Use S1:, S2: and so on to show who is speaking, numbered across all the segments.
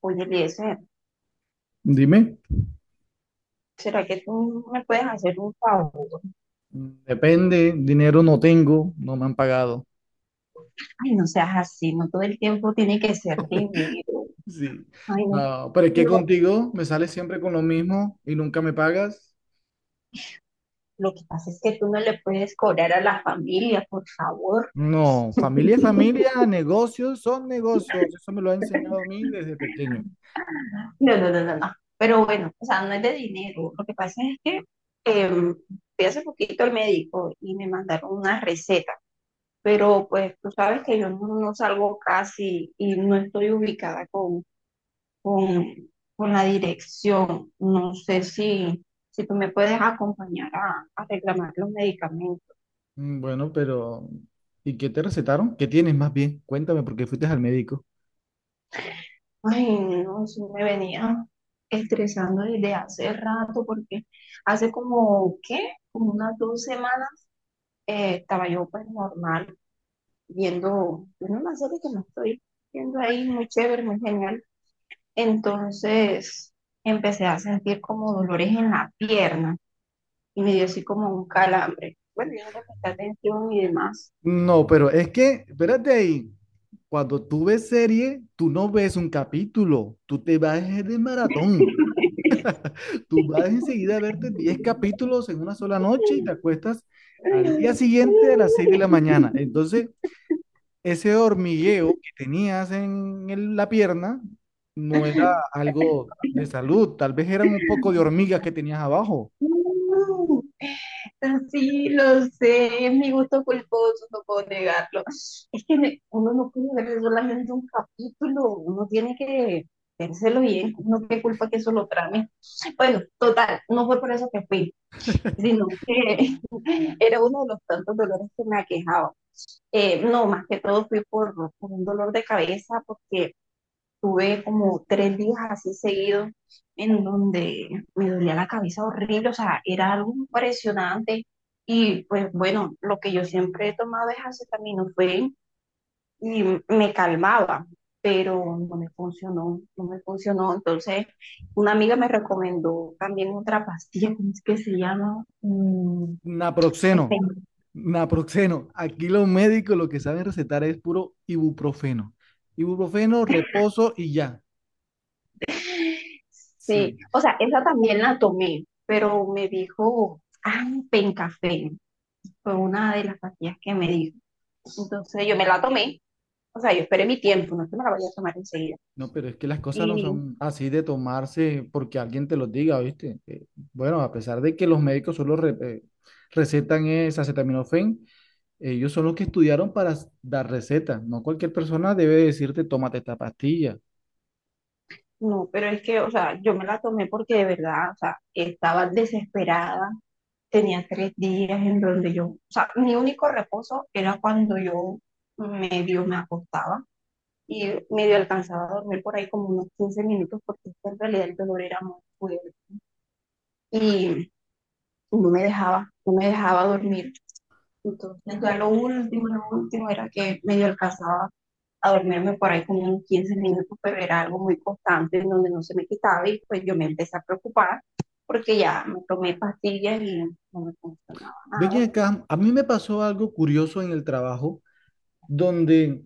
S1: Oye, Eliezer,
S2: Dime,
S1: ¿será que tú me puedes hacer un favor?
S2: depende, dinero no tengo, no me han pagado.
S1: Ay, no seas así, no todo el tiempo tiene que ser dinero.
S2: Sí,
S1: Ay, no,
S2: no, pero es
S1: no,
S2: que contigo me sales siempre con lo mismo y nunca me pagas.
S1: lo que pasa es que tú no le puedes cobrar a la familia, por favor.
S2: No, familia es familia, negocios son negocios, eso me lo ha enseñado a mí desde pequeño.
S1: No, no, no, no, no. Pero bueno, o sea, no es de dinero. Lo que pasa es que em, fui hace poquito al médico y me mandaron una receta, pero pues tú sabes que yo no salgo casi y no estoy ubicada con, con la dirección. No sé si tú me puedes acompañar a reclamar los medicamentos.
S2: Bueno, pero ¿y qué te recetaron? ¿Qué tienes más bien? Cuéntame por qué fuiste al médico.
S1: Ay, no, eso me venía estresando desde hace rato porque hace como, ¿qué? Como unas 2 semanas estaba yo pues normal viendo una serie que me estoy viendo ahí muy chévere, muy genial. Entonces empecé a sentir como dolores en la pierna y me dio así como un calambre. Bueno, yo no le presté atención y demás.
S2: No, pero es que, espérate ahí, cuando tú ves serie, tú no ves un capítulo, tú te vas de maratón. Tú vas enseguida a verte 10 capítulos en una sola noche y te acuestas al día siguiente a las 6 de la mañana. Entonces, ese hormigueo que tenías en la pierna no era algo de salud, tal vez eran un poco de hormigas que tenías abajo.
S1: Sí, lo sé, es mi gusto culposo, no puedo negarlo. Es que uno no puede ver solamente un capítulo, uno tiene que vérselo bien, no qué culpa que eso lo trame. Bueno, total, no fue por eso que fui, sino que era uno de los tantos dolores que me aquejaba. No, más que todo fui por un dolor de cabeza, porque tuve como 3 días así seguidos en donde me dolía la cabeza horrible, o sea, era algo impresionante. Y pues bueno, lo que yo siempre he tomado es acetaminofén y me calmaba, pero no me funcionó, no me funcionó. Entonces, una amiga me recomendó también otra pastilla, ¿cómo es que se llama?
S2: Naproxeno,
S1: Este,
S2: naproxeno. Aquí los médicos lo que saben recetar es puro ibuprofeno. Ibuprofeno, reposo y ya.
S1: sí,
S2: Sí.
S1: o sea, esa también la tomé, pero me dijo, ah, pencafén, fue una de las pastillas que me dijo. Entonces yo me la tomé, o sea, yo esperé mi tiempo, no es que me la vaya a tomar enseguida.
S2: No, pero es que las cosas no
S1: Y
S2: son así de tomarse porque alguien te los diga, ¿viste? Bueno, a pesar de que los médicos solo recetan es acetaminofén, ellos son los que estudiaron para dar recetas. No cualquier persona debe decirte, tómate esta pastilla.
S1: no, pero es que, o sea, yo me la tomé porque de verdad, o sea, estaba desesperada, tenía 3 días en donde yo, o sea, mi único reposo era cuando yo medio me acostaba y medio alcanzaba a dormir por ahí como unos 15 minutos porque es que en realidad el dolor era muy fuerte y no me dejaba, no me dejaba dormir. Entonces ya lo último era que medio alcanzaba a dormirme por ahí como unos 15 minutos, pero era algo muy constante en donde no se me quitaba y pues yo me empecé a preocupar porque ya me tomé pastillas y no me funcionaba nada.
S2: Ven acá, a mí me pasó algo curioso en el trabajo, donde,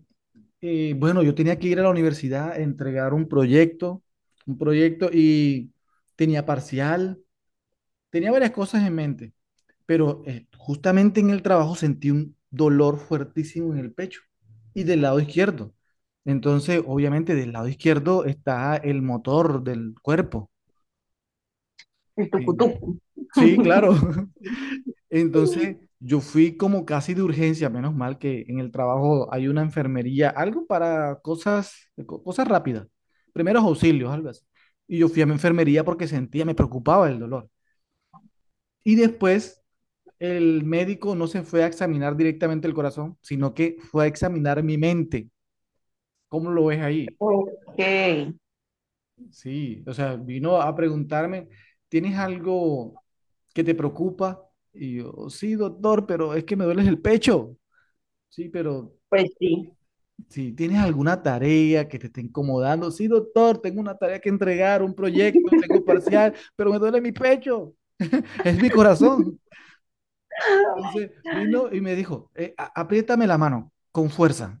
S2: bueno, yo tenía que ir a la universidad a entregar un proyecto y tenía parcial, tenía varias cosas en mente. Pero justamente en el trabajo sentí un dolor fuertísimo en el pecho y del lado izquierdo. Entonces, obviamente, del lado izquierdo está el motor del cuerpo.
S1: El
S2: Eh,
S1: tucutucu.
S2: Sí, claro. Entonces, yo fui como casi de urgencia, menos mal que en el trabajo hay una enfermería, algo para cosas, cosas rápidas, primeros auxilios, algo así. Y yo fui a mi enfermería porque sentía, me preocupaba el dolor. Y después el médico no se fue a examinar directamente el corazón, sino que fue a examinar mi mente. ¿Cómo lo ves ahí?
S1: Ok,
S2: Sí, o sea, vino a preguntarme, ¿tienes algo que te preocupa? Y yo, sí, doctor, pero es que me duele el pecho. Sí, pero
S1: pues sí.
S2: si tienes alguna tarea que te esté incomodando, sí, doctor, tengo una tarea que entregar, un proyecto, tengo parcial, pero me duele mi pecho, es mi corazón. Entonces vino y me dijo, apriétame la mano con fuerza.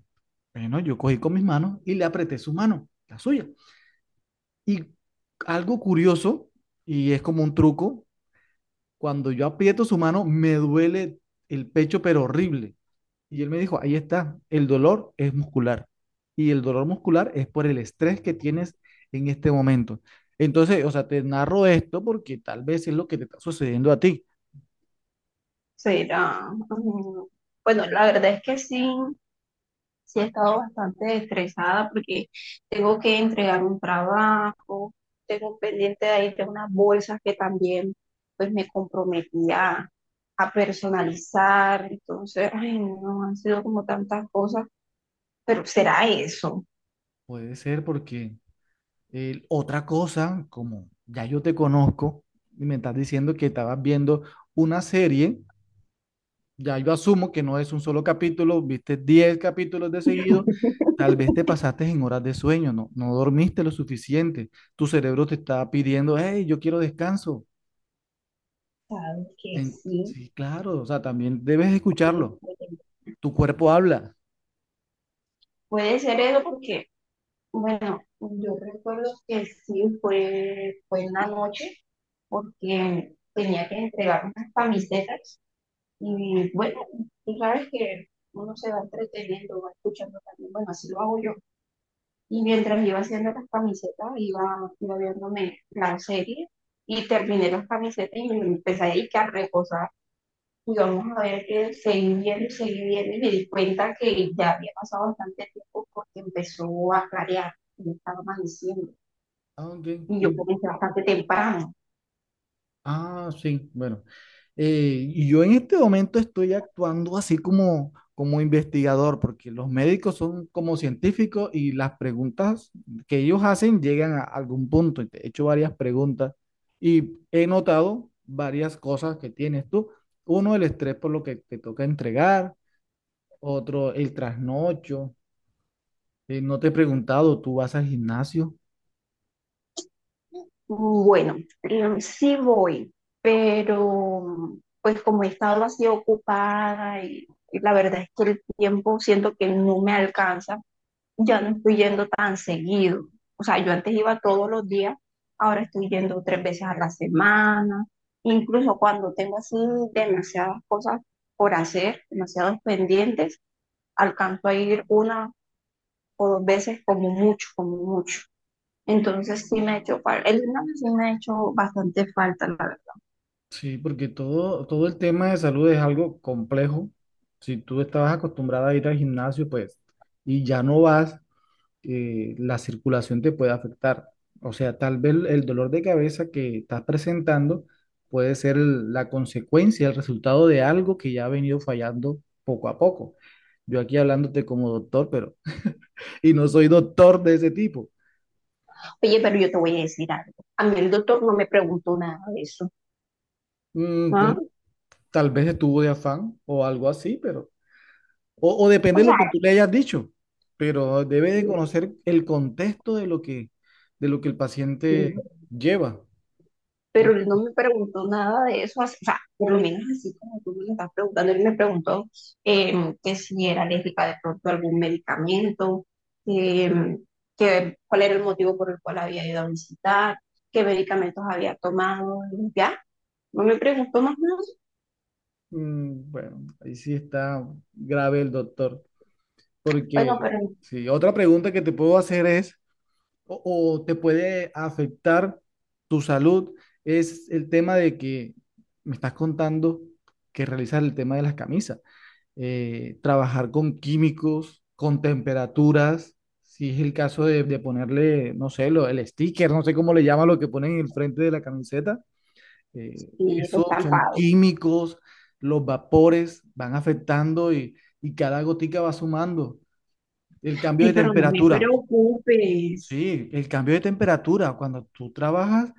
S2: Bueno, yo cogí con mis manos y le apreté su mano, la suya. Y algo curioso, y es como un truco, cuando yo aprieto su mano me duele el pecho, pero horrible. Y él me dijo, ahí está, el dolor es muscular. Y el dolor muscular es por el estrés que tienes en este momento. Entonces, o sea, te narro esto porque tal vez es lo que te está sucediendo a ti.
S1: Será. Mm, bueno, la verdad es que sí, sí, he estado bastante estresada porque tengo que entregar un trabajo, tengo pendiente de ahí de unas bolsas que también pues me comprometía a personalizar. Entonces, ay, no, han sido como tantas cosas, pero será eso.
S2: Puede ser porque. Otra cosa, como ya yo te conozco y me estás diciendo que estabas viendo una serie, ya yo asumo que no es un solo capítulo, viste 10 capítulos de seguido, tal vez te pasaste en horas de sueño, no, no dormiste lo suficiente, tu cerebro te está pidiendo, hey, yo quiero descanso.
S1: Sabes que
S2: En-
S1: sí,
S2: sí, claro, o sea, también debes
S1: puede
S2: escucharlo,
S1: puede-
S2: tu cuerpo habla.
S1: puede ser eso porque, bueno, yo recuerdo que sí fue en la noche porque tenía que entregar unas camisetas. Y bueno, tú sabes que uno se va entreteniendo, va escuchando también, bueno, así lo hago yo. Y mientras iba haciendo las camisetas, iba viéndome la serie y terminé las camisetas y me empecé ahí que a reposar. Y vamos a ver que seguí viendo y me di cuenta que ya había pasado bastante tiempo porque empezó a clarear y estaba amaneciendo.
S2: Ah, ok.
S1: Y yo
S2: ¿Y
S1: comencé bastante temprano.
S2: Ah, sí, bueno. Y yo en este momento estoy actuando así como investigador, porque los médicos son como científicos y las preguntas que ellos hacen llegan a algún punto. Y te he hecho varias preguntas y he notado varias cosas que tienes tú. Uno, el estrés por lo que te toca entregar. Otro, el trasnocho. No te he preguntado, ¿tú vas al gimnasio?
S1: Bueno, sí voy, pero pues como he estado así ocupada y la verdad es que el tiempo siento que no me alcanza, ya no estoy yendo tan seguido. O sea, yo antes iba todos los días, ahora estoy yendo 3 veces a la semana, incluso cuando tengo así demasiadas por hacer, demasiados pendientes, alcanzo a ir una o dos veces como mucho, como mucho. Entonces sí me ha hecho falta, el gimnasio sí me ha hecho bastante falta, la verdad.
S2: Sí, porque todo el tema de salud es algo complejo. Si tú estabas acostumbrada a ir al gimnasio, pues, y ya no vas, la circulación te puede afectar. O sea, tal vez el dolor de cabeza que estás presentando puede ser la consecuencia, el resultado de algo que ya ha venido fallando poco a poco. Yo aquí hablándote como doctor, pero, y no soy doctor de ese tipo.
S1: Oye, pero yo te voy a decir algo. A mí el doctor no me preguntó nada de eso.
S2: Bueno,
S1: ¿Ah?
S2: tal vez estuvo de afán o algo así, pero. O
S1: O
S2: depende de
S1: sea,
S2: lo que tú le hayas dicho, pero debe de conocer el contexto de lo que el paciente lleva, no
S1: pero
S2: sé.
S1: él no me preguntó nada de eso, así- o sea, por lo menos así como tú me lo estás preguntando, él me preguntó que si era alérgica de pronto a algún medicamento, em, que cuál era el motivo por el cual había ido a visitar, qué medicamentos había tomado, y ya. No me preguntó más nada.
S2: Bueno, ahí sí está grave el doctor,
S1: Bueno, pero
S2: porque sí, otra pregunta que te puedo hacer es, o, o te puede afectar tu salud, es el tema de que me estás contando que realizas el tema de las camisas. Trabajar con químicos, con temperaturas, si es el caso de ponerle, no sé, lo, el sticker, no sé cómo le llama lo que ponen en el frente de la camiseta,
S1: sí, es
S2: eso son
S1: estampado.
S2: químicos, los vapores van afectando y cada gotica va sumando. El cambio
S1: Ay,
S2: de
S1: pero no me
S2: temperatura,
S1: preocupes.
S2: sí, el cambio de temperatura, cuando tú trabajas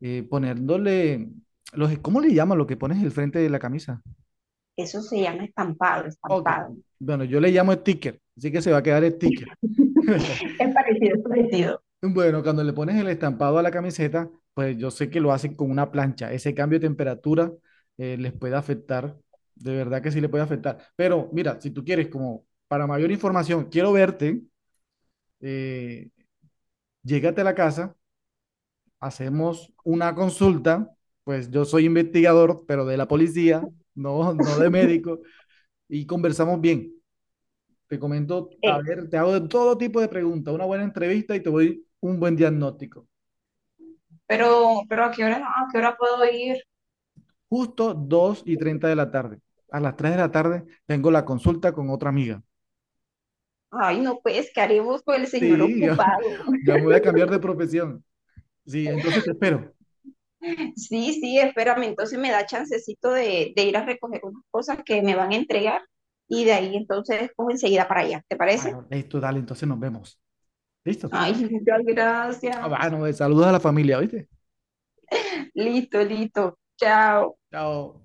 S2: poniéndole. Los, ¿cómo le llama lo que pones en el frente de la camisa?
S1: Eso se llama estampado,
S2: Ok,
S1: estampado.
S2: bueno, yo le llamo sticker, así que se va a quedar sticker.
S1: Es parecido, es parecido.
S2: Bueno, cuando le pones el estampado a la camiseta, pues yo sé que lo hacen con una plancha. Ese cambio de temperatura les puede afectar. De verdad que sí le puede afectar. Pero mira, si tú quieres, como para mayor información, quiero verte, eh, llégate a la casa, hacemos una consulta. Pues yo soy investigador, pero de la policía, no, no de médico, y conversamos bien. Te comento, a
S1: Eh,
S2: ver, te hago de todo tipo de preguntas, una buena entrevista y te doy un buen diagnóstico.
S1: pero, ¿a qué hora, no?, ¿a qué hora puedo ir?
S2: Justo 2:30 de la tarde. A las 3 de la tarde tengo la consulta con otra amiga.
S1: Ay, no, pues, ¿qué haremos con el señor
S2: Sí, ya,
S1: ocupado?
S2: ya me voy a cambiar de profesión. Sí, entonces te espero.
S1: Sí, sí, espérame, entonces me da chancecito de ir a recoger unas cosas que me van a entregar y de ahí entonces cojo enseguida para allá, ¿te parece?
S2: Bueno, listo, dale, entonces nos vemos. ¿Listo?
S1: Ay, muchas
S2: Ah,
S1: gracias.
S2: bueno, saludos a la familia, ¿viste?
S1: Listo, listo. Chao.
S2: Chao.